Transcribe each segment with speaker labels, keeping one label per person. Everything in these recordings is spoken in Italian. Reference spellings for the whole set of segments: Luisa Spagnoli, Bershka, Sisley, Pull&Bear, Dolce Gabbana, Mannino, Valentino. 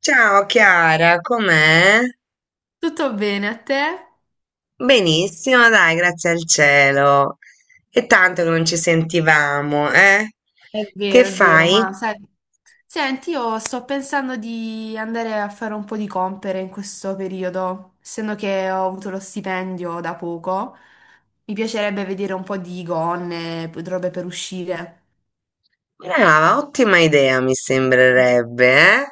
Speaker 1: Ciao Chiara, com'è?
Speaker 2: Tutto bene a te?
Speaker 1: Benissimo, dai, grazie al cielo. È tanto che non ci sentivamo, eh? Che
Speaker 2: È vero,
Speaker 1: fai?
Speaker 2: ma sai, senti, io sto pensando di andare a fare un po' di compere in questo periodo, essendo che ho avuto lo stipendio da poco, mi piacerebbe vedere un po' di gonne, robe per uscire.
Speaker 1: Brava, ottima idea, mi sembrerebbe, eh?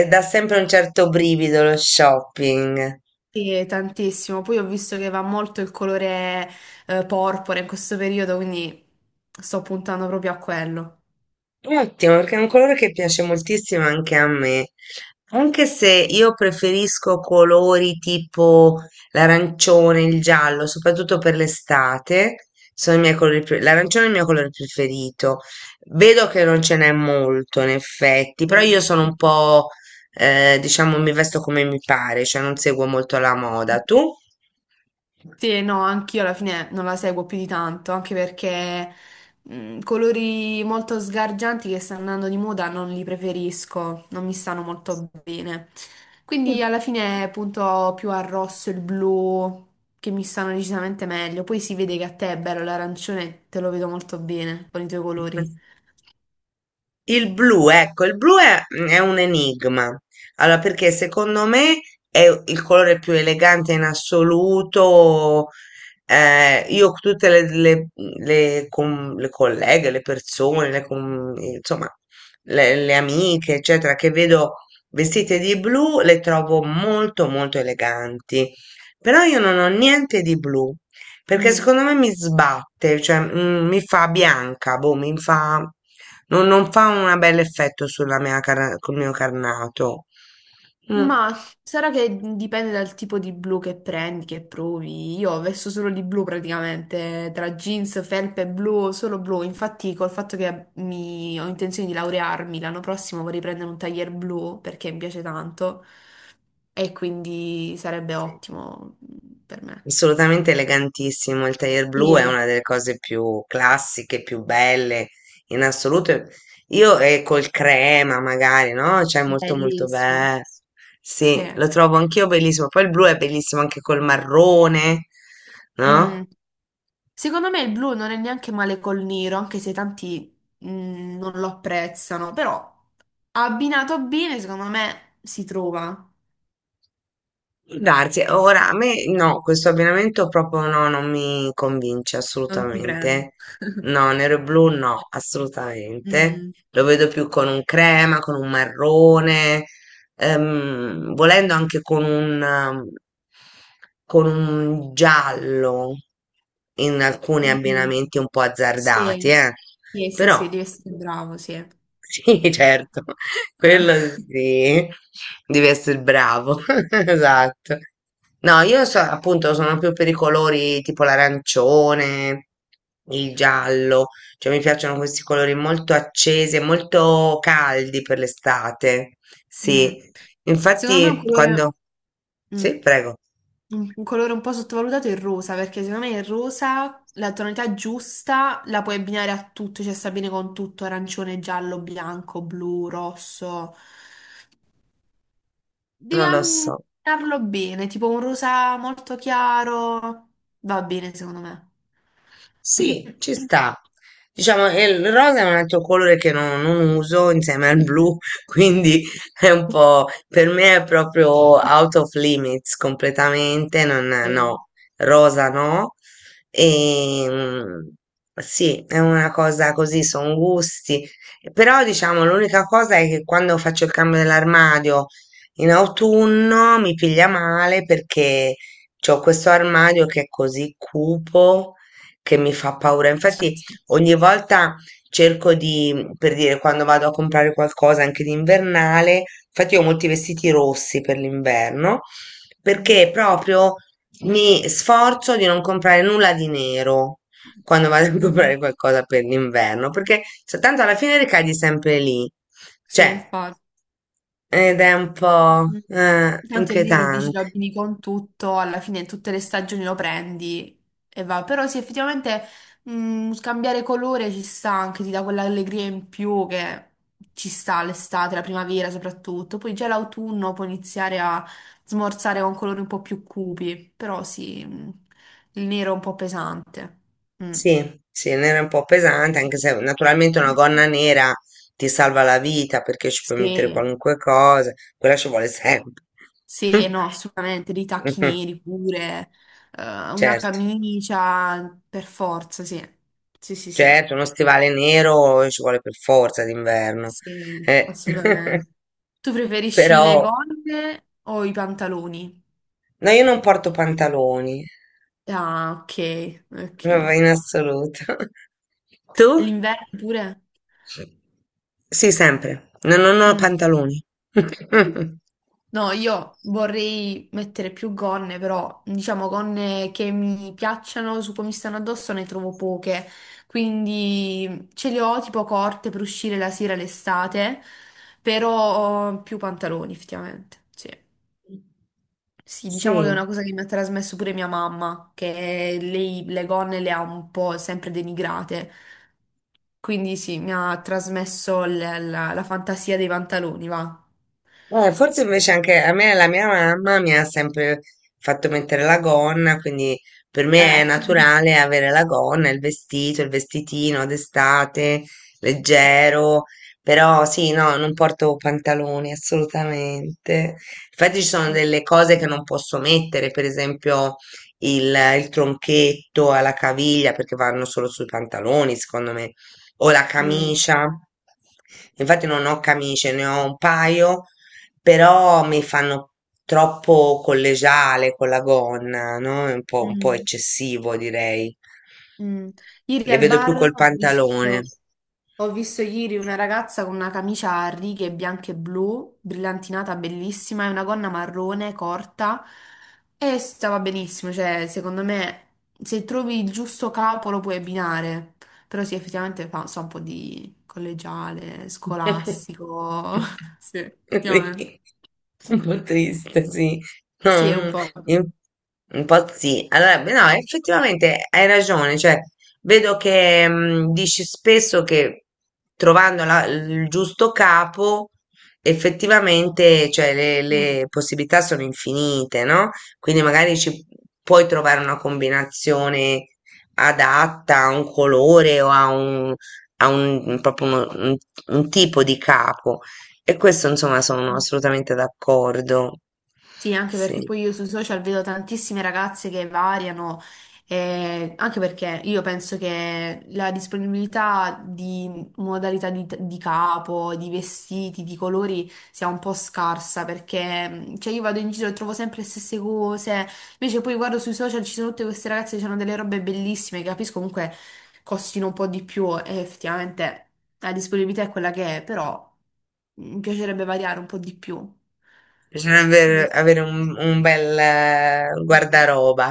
Speaker 1: E dà sempre un certo brivido lo shopping.
Speaker 2: Sì, tantissimo. Poi ho visto che va molto il colore porpora in questo periodo, quindi sto puntando proprio a quello.
Speaker 1: Ottimo, perché è un colore che piace moltissimo anche a me, anche se io preferisco colori tipo l'arancione, il giallo, soprattutto per l'estate, sono i miei L'arancione è il mio colore preferito. Vedo che non ce n'è molto, in effetti, però io
Speaker 2: Sì.
Speaker 1: sono un po', diciamo, mi vesto come mi pare, cioè non seguo molto la moda. Tu?
Speaker 2: Sì, no, anch'io alla fine non la seguo più di tanto, anche perché colori molto sgargianti che stanno andando di moda non li preferisco, non mi stanno molto bene. Quindi alla fine punto più al rosso e il blu che mi stanno decisamente meglio. Poi si vede che a te è bello l'arancione, te lo vedo molto bene con i tuoi colori.
Speaker 1: Il blu, ecco, il blu è, è un enigma. Allora, perché secondo me è il colore più elegante in assoluto. Io tutte le colleghe, le persone, le com- insomma, le amiche, eccetera, che vedo vestite di blu, le trovo molto eleganti. Però io non ho niente di blu. Perché
Speaker 2: Mm.
Speaker 1: secondo me mi sbatte, cioè mi fa bianca, boh, mi fa... non fa un bel effetto sulla col mio carnato. Mm.
Speaker 2: Ma sarà che dipende dal tipo di blu che prendi, che provi. Io ho vesto solo di blu praticamente, tra jeans, felpe, blu, solo blu. Infatti, col fatto che ho intenzione di laurearmi l'anno prossimo, vorrei prendere un taglier blu perché mi piace tanto e quindi sarebbe
Speaker 1: Sì.
Speaker 2: ottimo per me.
Speaker 1: Assolutamente elegantissimo, il tailleur blu è
Speaker 2: Sì,
Speaker 1: una delle cose più classiche, più belle in assoluto. Io e col crema magari, no? Cioè molto molto
Speaker 2: bellissimo.
Speaker 1: bello.
Speaker 2: Sì.
Speaker 1: Sì, lo trovo anch'io bellissimo. Poi il blu è bellissimo anche col marrone,
Speaker 2: Mm.
Speaker 1: no?
Speaker 2: Secondo me il blu non è neanche male col nero, anche se tanti non lo apprezzano, però. Abbinato bene, secondo me si trova,
Speaker 1: Può darsi, ora a me no, questo abbinamento proprio no, non mi convince
Speaker 2: non ti prende.
Speaker 1: assolutamente. No, nero e blu no, assolutamente.
Speaker 2: Mm.
Speaker 1: Lo vedo più con un crema, con un marrone, volendo anche con con un giallo in alcuni
Speaker 2: Mm.
Speaker 1: abbinamenti un po' azzardati,
Speaker 2: Sì.
Speaker 1: eh.
Speaker 2: Sì, sì,
Speaker 1: Però
Speaker 2: sì, devi essere bravo, sì.
Speaker 1: sì, certo, quello sì, devi essere bravo, esatto. No, appunto sono più per i colori tipo l'arancione, il giallo, cioè mi piacciono questi colori molto accesi e molto caldi per l'estate.
Speaker 2: Mm.
Speaker 1: Sì,
Speaker 2: Secondo me un
Speaker 1: infatti
Speaker 2: colore,
Speaker 1: quando...
Speaker 2: mm,
Speaker 1: Sì, prego,
Speaker 2: un colore un po' sottovalutato è il rosa, perché secondo me il rosa, la tonalità giusta, la puoi abbinare a tutto, cioè sta bene con tutto, arancione, giallo, bianco, blu, rosso. Devi
Speaker 1: non lo so.
Speaker 2: ammirarlo bene, tipo un rosa molto chiaro, va bene secondo me.
Speaker 1: Sì, ci sta. Diciamo, e il rosa è un altro colore che non uso insieme al blu, quindi è un po', per me è proprio out of limits completamente, non,
Speaker 2: Sì,
Speaker 1: no, rosa no. E, sì, è una cosa così, sono gusti. Però diciamo, l'unica cosa è che quando faccio il cambio dell'armadio in autunno mi piglia male perché... C'ho questo armadio che è così cupo che mi fa paura. Infatti
Speaker 2: sì.
Speaker 1: ogni volta cerco di, per dire, quando vado a comprare qualcosa anche d'invernale, infatti ho molti vestiti rossi per l'inverno, perché proprio mi sforzo di non comprare nulla di nero quando vado a
Speaker 2: Mm.
Speaker 1: comprare qualcosa per l'inverno, perché cioè, tanto alla fine ricadi sempre lì.
Speaker 2: Sì,
Speaker 1: Cioè,
Speaker 2: infatti.
Speaker 1: ed è un po'
Speaker 2: Mm. Tanto il nero dici lo
Speaker 1: inquietante.
Speaker 2: abbini con tutto, alla fine in tutte le stagioni lo prendi e va. Però sì, effettivamente scambiare colore ci sta anche, ti dà quell'allegria in più che ci sta l'estate, la primavera soprattutto. Poi già l'autunno puoi iniziare a smorzare con colori un po' più cupi, però sì, il nero è un po' pesante. Mm.
Speaker 1: Sì, sì, nera è un po' pesante,
Speaker 2: Sì.
Speaker 1: anche se naturalmente una gonna nera ti salva la vita perché ci puoi mettere
Speaker 2: Sì.
Speaker 1: qualunque cosa, quella ci vuole sempre.
Speaker 2: Sì, no, assolutamente, dei tacchi neri pure, una
Speaker 1: Certo,
Speaker 2: camicia, per forza, sì. Sì, sì, sì,
Speaker 1: certo, uno stivale nero ci vuole per forza d'inverno.
Speaker 2: sì,
Speaker 1: Eh.
Speaker 2: assolutamente. Tu preferisci le
Speaker 1: Però,
Speaker 2: gonne o i pantaloni?
Speaker 1: no, io non porto pantaloni,
Speaker 2: Ah, ok, ok.
Speaker 1: proprio
Speaker 2: E
Speaker 1: in assoluto. Tu?
Speaker 2: l'inverno pure?
Speaker 1: Sì, sempre. Non ho
Speaker 2: Mm.
Speaker 1: pantaloni.
Speaker 2: No, io vorrei mettere più gonne, però diciamo gonne che mi piacciono, su come mi stanno addosso ne trovo poche, quindi ce le ho tipo corte per uscire la sera l'estate, però ho più pantaloni effettivamente. Sì. Sì, diciamo che è
Speaker 1: Sì.
Speaker 2: una cosa che mi ha trasmesso pure mia mamma, che lei le gonne le ha un po' sempre denigrate, quindi sì, mi ha trasmesso la fantasia dei pantaloni, va.
Speaker 1: Forse invece anche a me la mia mamma mi ha sempre fatto mettere la gonna, quindi per me è
Speaker 2: Ecco.
Speaker 1: naturale avere la gonna, il vestito, il vestitino d'estate, leggero, però sì, no, non porto pantaloni assolutamente. Infatti ci sono
Speaker 2: Mm,
Speaker 1: delle cose che
Speaker 2: mm,
Speaker 1: non posso mettere, per esempio il tronchetto alla caviglia perché vanno solo sui pantaloni, secondo me, o la camicia. Infatti non ho camicie, ne ho un paio però mi fanno troppo collegiale con la gonna, no? È un po'
Speaker 2: mm,
Speaker 1: eccessivo, direi.
Speaker 2: mm. Ieri
Speaker 1: Le
Speaker 2: al
Speaker 1: vedo più
Speaker 2: bar
Speaker 1: col pantalone.
Speaker 2: ho visto ieri una ragazza con una camicia a righe bianche e blu, brillantinata, bellissima, e una gonna marrone corta e stava benissimo. Cioè, secondo me, se trovi il giusto capo lo puoi abbinare. Però sì, effettivamente fa so, un po' di collegiale, scolastico. Sì, effettivamente.
Speaker 1: Sì, un po' triste, sì. No,
Speaker 2: Sì, è un po'.
Speaker 1: in- un po' sì. Allora, beh, no, effettivamente hai ragione, cioè, vedo che dici spesso che il giusto capo, effettivamente, cioè,
Speaker 2: Mm,
Speaker 1: le possibilità sono infinite, no? Quindi magari ci puoi trovare una combinazione adatta a un colore o a un ha un proprio uno un tipo di capo e questo insomma sono
Speaker 2: mm.
Speaker 1: assolutamente d'accordo.
Speaker 2: Sì, anche perché
Speaker 1: Sì,
Speaker 2: poi io sui social vedo tantissime ragazze che variano, anche perché io penso che la disponibilità di modalità di capo, di vestiti, di colori sia un po' scarsa, perché cioè, io vado in giro e trovo sempre le stesse cose, invece poi guardo sui social ci sono tutte queste ragazze che hanno delle robe bellissime, che capisco comunque costino un po' di più e effettivamente la disponibilità è quella che è, però mi piacerebbe variare un po' di più.
Speaker 1: bisognerebbe avere un bel guardaroba.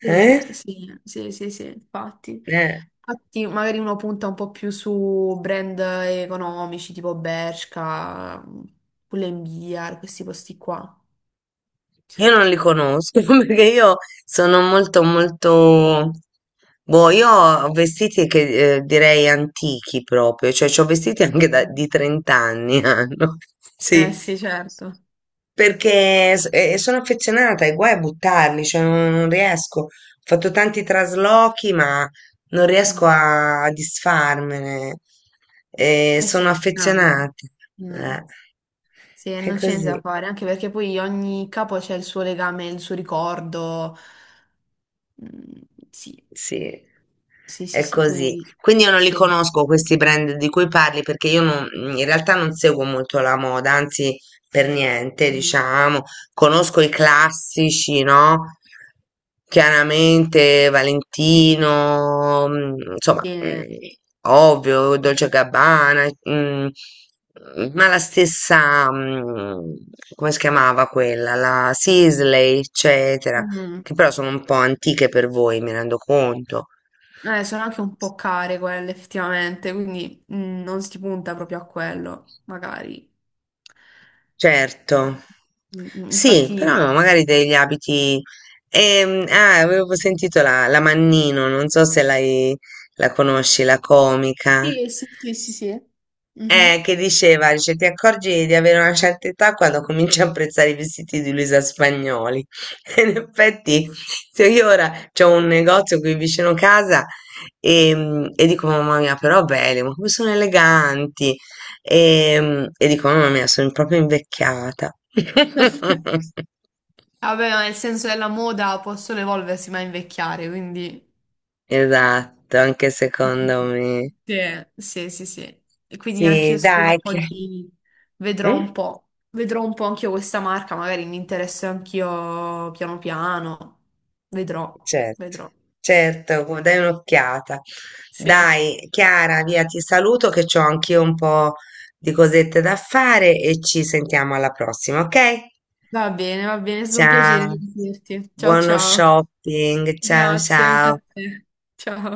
Speaker 2: Sì,
Speaker 1: Eh?
Speaker 2: sì, sì, sì, sì, infatti.
Speaker 1: Eh,
Speaker 2: Infatti, magari uno punta un po' più su brand economici tipo Bershka, Pull&Bear, questi posti qua.
Speaker 1: Io non li conosco perché io sono molto molto boh, io ho vestiti che direi antichi proprio, cioè ho vestiti anche
Speaker 2: Mm.
Speaker 1: di 30 anni hanno.
Speaker 2: Eh
Speaker 1: Sì.
Speaker 2: sì, certo.
Speaker 1: Perché sono affezionata e guai a buttarli, cioè non, non riesco. Ho fatto tanti traslochi, ma non riesco
Speaker 2: Mm.
Speaker 1: a disfarmene.
Speaker 2: Eh
Speaker 1: Sono
Speaker 2: sì, funzionano.
Speaker 1: affezionata.
Speaker 2: Mm.
Speaker 1: Eh,
Speaker 2: Sì,
Speaker 1: è
Speaker 2: non c'è niente da
Speaker 1: così.
Speaker 2: fare, anche perché poi ogni capo c'è il suo legame, il suo ricordo. Mm, sì,
Speaker 1: Sì,
Speaker 2: sì, sì,
Speaker 1: è
Speaker 2: sì,
Speaker 1: così.
Speaker 2: quindi
Speaker 1: Quindi io non li
Speaker 2: sì.
Speaker 1: conosco questi brand di cui parli perché io non- in realtà non seguo molto la moda, anzi per niente,
Speaker 2: Mm.
Speaker 1: diciamo. Conosco i classici, no? Chiaramente Valentino, insomma,
Speaker 2: Sì.
Speaker 1: ovvio, Dolce Gabbana, ma la stessa, come si chiamava quella? La Sisley, eccetera
Speaker 2: Mm.
Speaker 1: che però sono un po' antiche per voi, mi rendo conto.
Speaker 2: Sono anche un po' care quelle effettivamente, quindi non si punta proprio a quello, magari.
Speaker 1: Certo,
Speaker 2: Mm, mm,
Speaker 1: sì, però
Speaker 2: infatti,
Speaker 1: no, magari degli abiti. Ah, avevo sentito la Mannino, non so se l'hai, la conosci, la comica.
Speaker 2: sì, sì, sì, sì, sì. Mhm.
Speaker 1: Che diceva, dice, ti accorgi di avere una certa età quando cominci a apprezzare i vestiti di Luisa Spagnoli. E in effetti, se io ora c'ho un negozio qui vicino casa e dico, mamma mia, però belli, ma come sono eleganti. E dico, mamma mia, sono proprio invecchiata.
Speaker 2: Vabbè, ma nel senso della moda possono evolversi ma invecchiare, quindi...
Speaker 1: Esatto, anche secondo me.
Speaker 2: Sì, sì, sì, sì. E quindi anche
Speaker 1: Sì,
Speaker 2: io spero
Speaker 1: dai,
Speaker 2: un
Speaker 1: che...
Speaker 2: po' di...
Speaker 1: Mm?
Speaker 2: vedrò un po' anche io questa marca, magari mi interesso anch'io piano piano. Vedrò,
Speaker 1: Certo,
Speaker 2: vedrò.
Speaker 1: certo, dai un'occhiata.
Speaker 2: Sì.
Speaker 1: Dai, Chiara, via, ti saluto che ho anch'io un po' di cosette da fare e ci sentiamo alla prossima, ok?
Speaker 2: Va bene, è stato un piacere
Speaker 1: Ciao,
Speaker 2: sentirti. Ciao
Speaker 1: buono
Speaker 2: ciao.
Speaker 1: shopping, ciao
Speaker 2: Grazie anche
Speaker 1: ciao.
Speaker 2: a te. Ciao.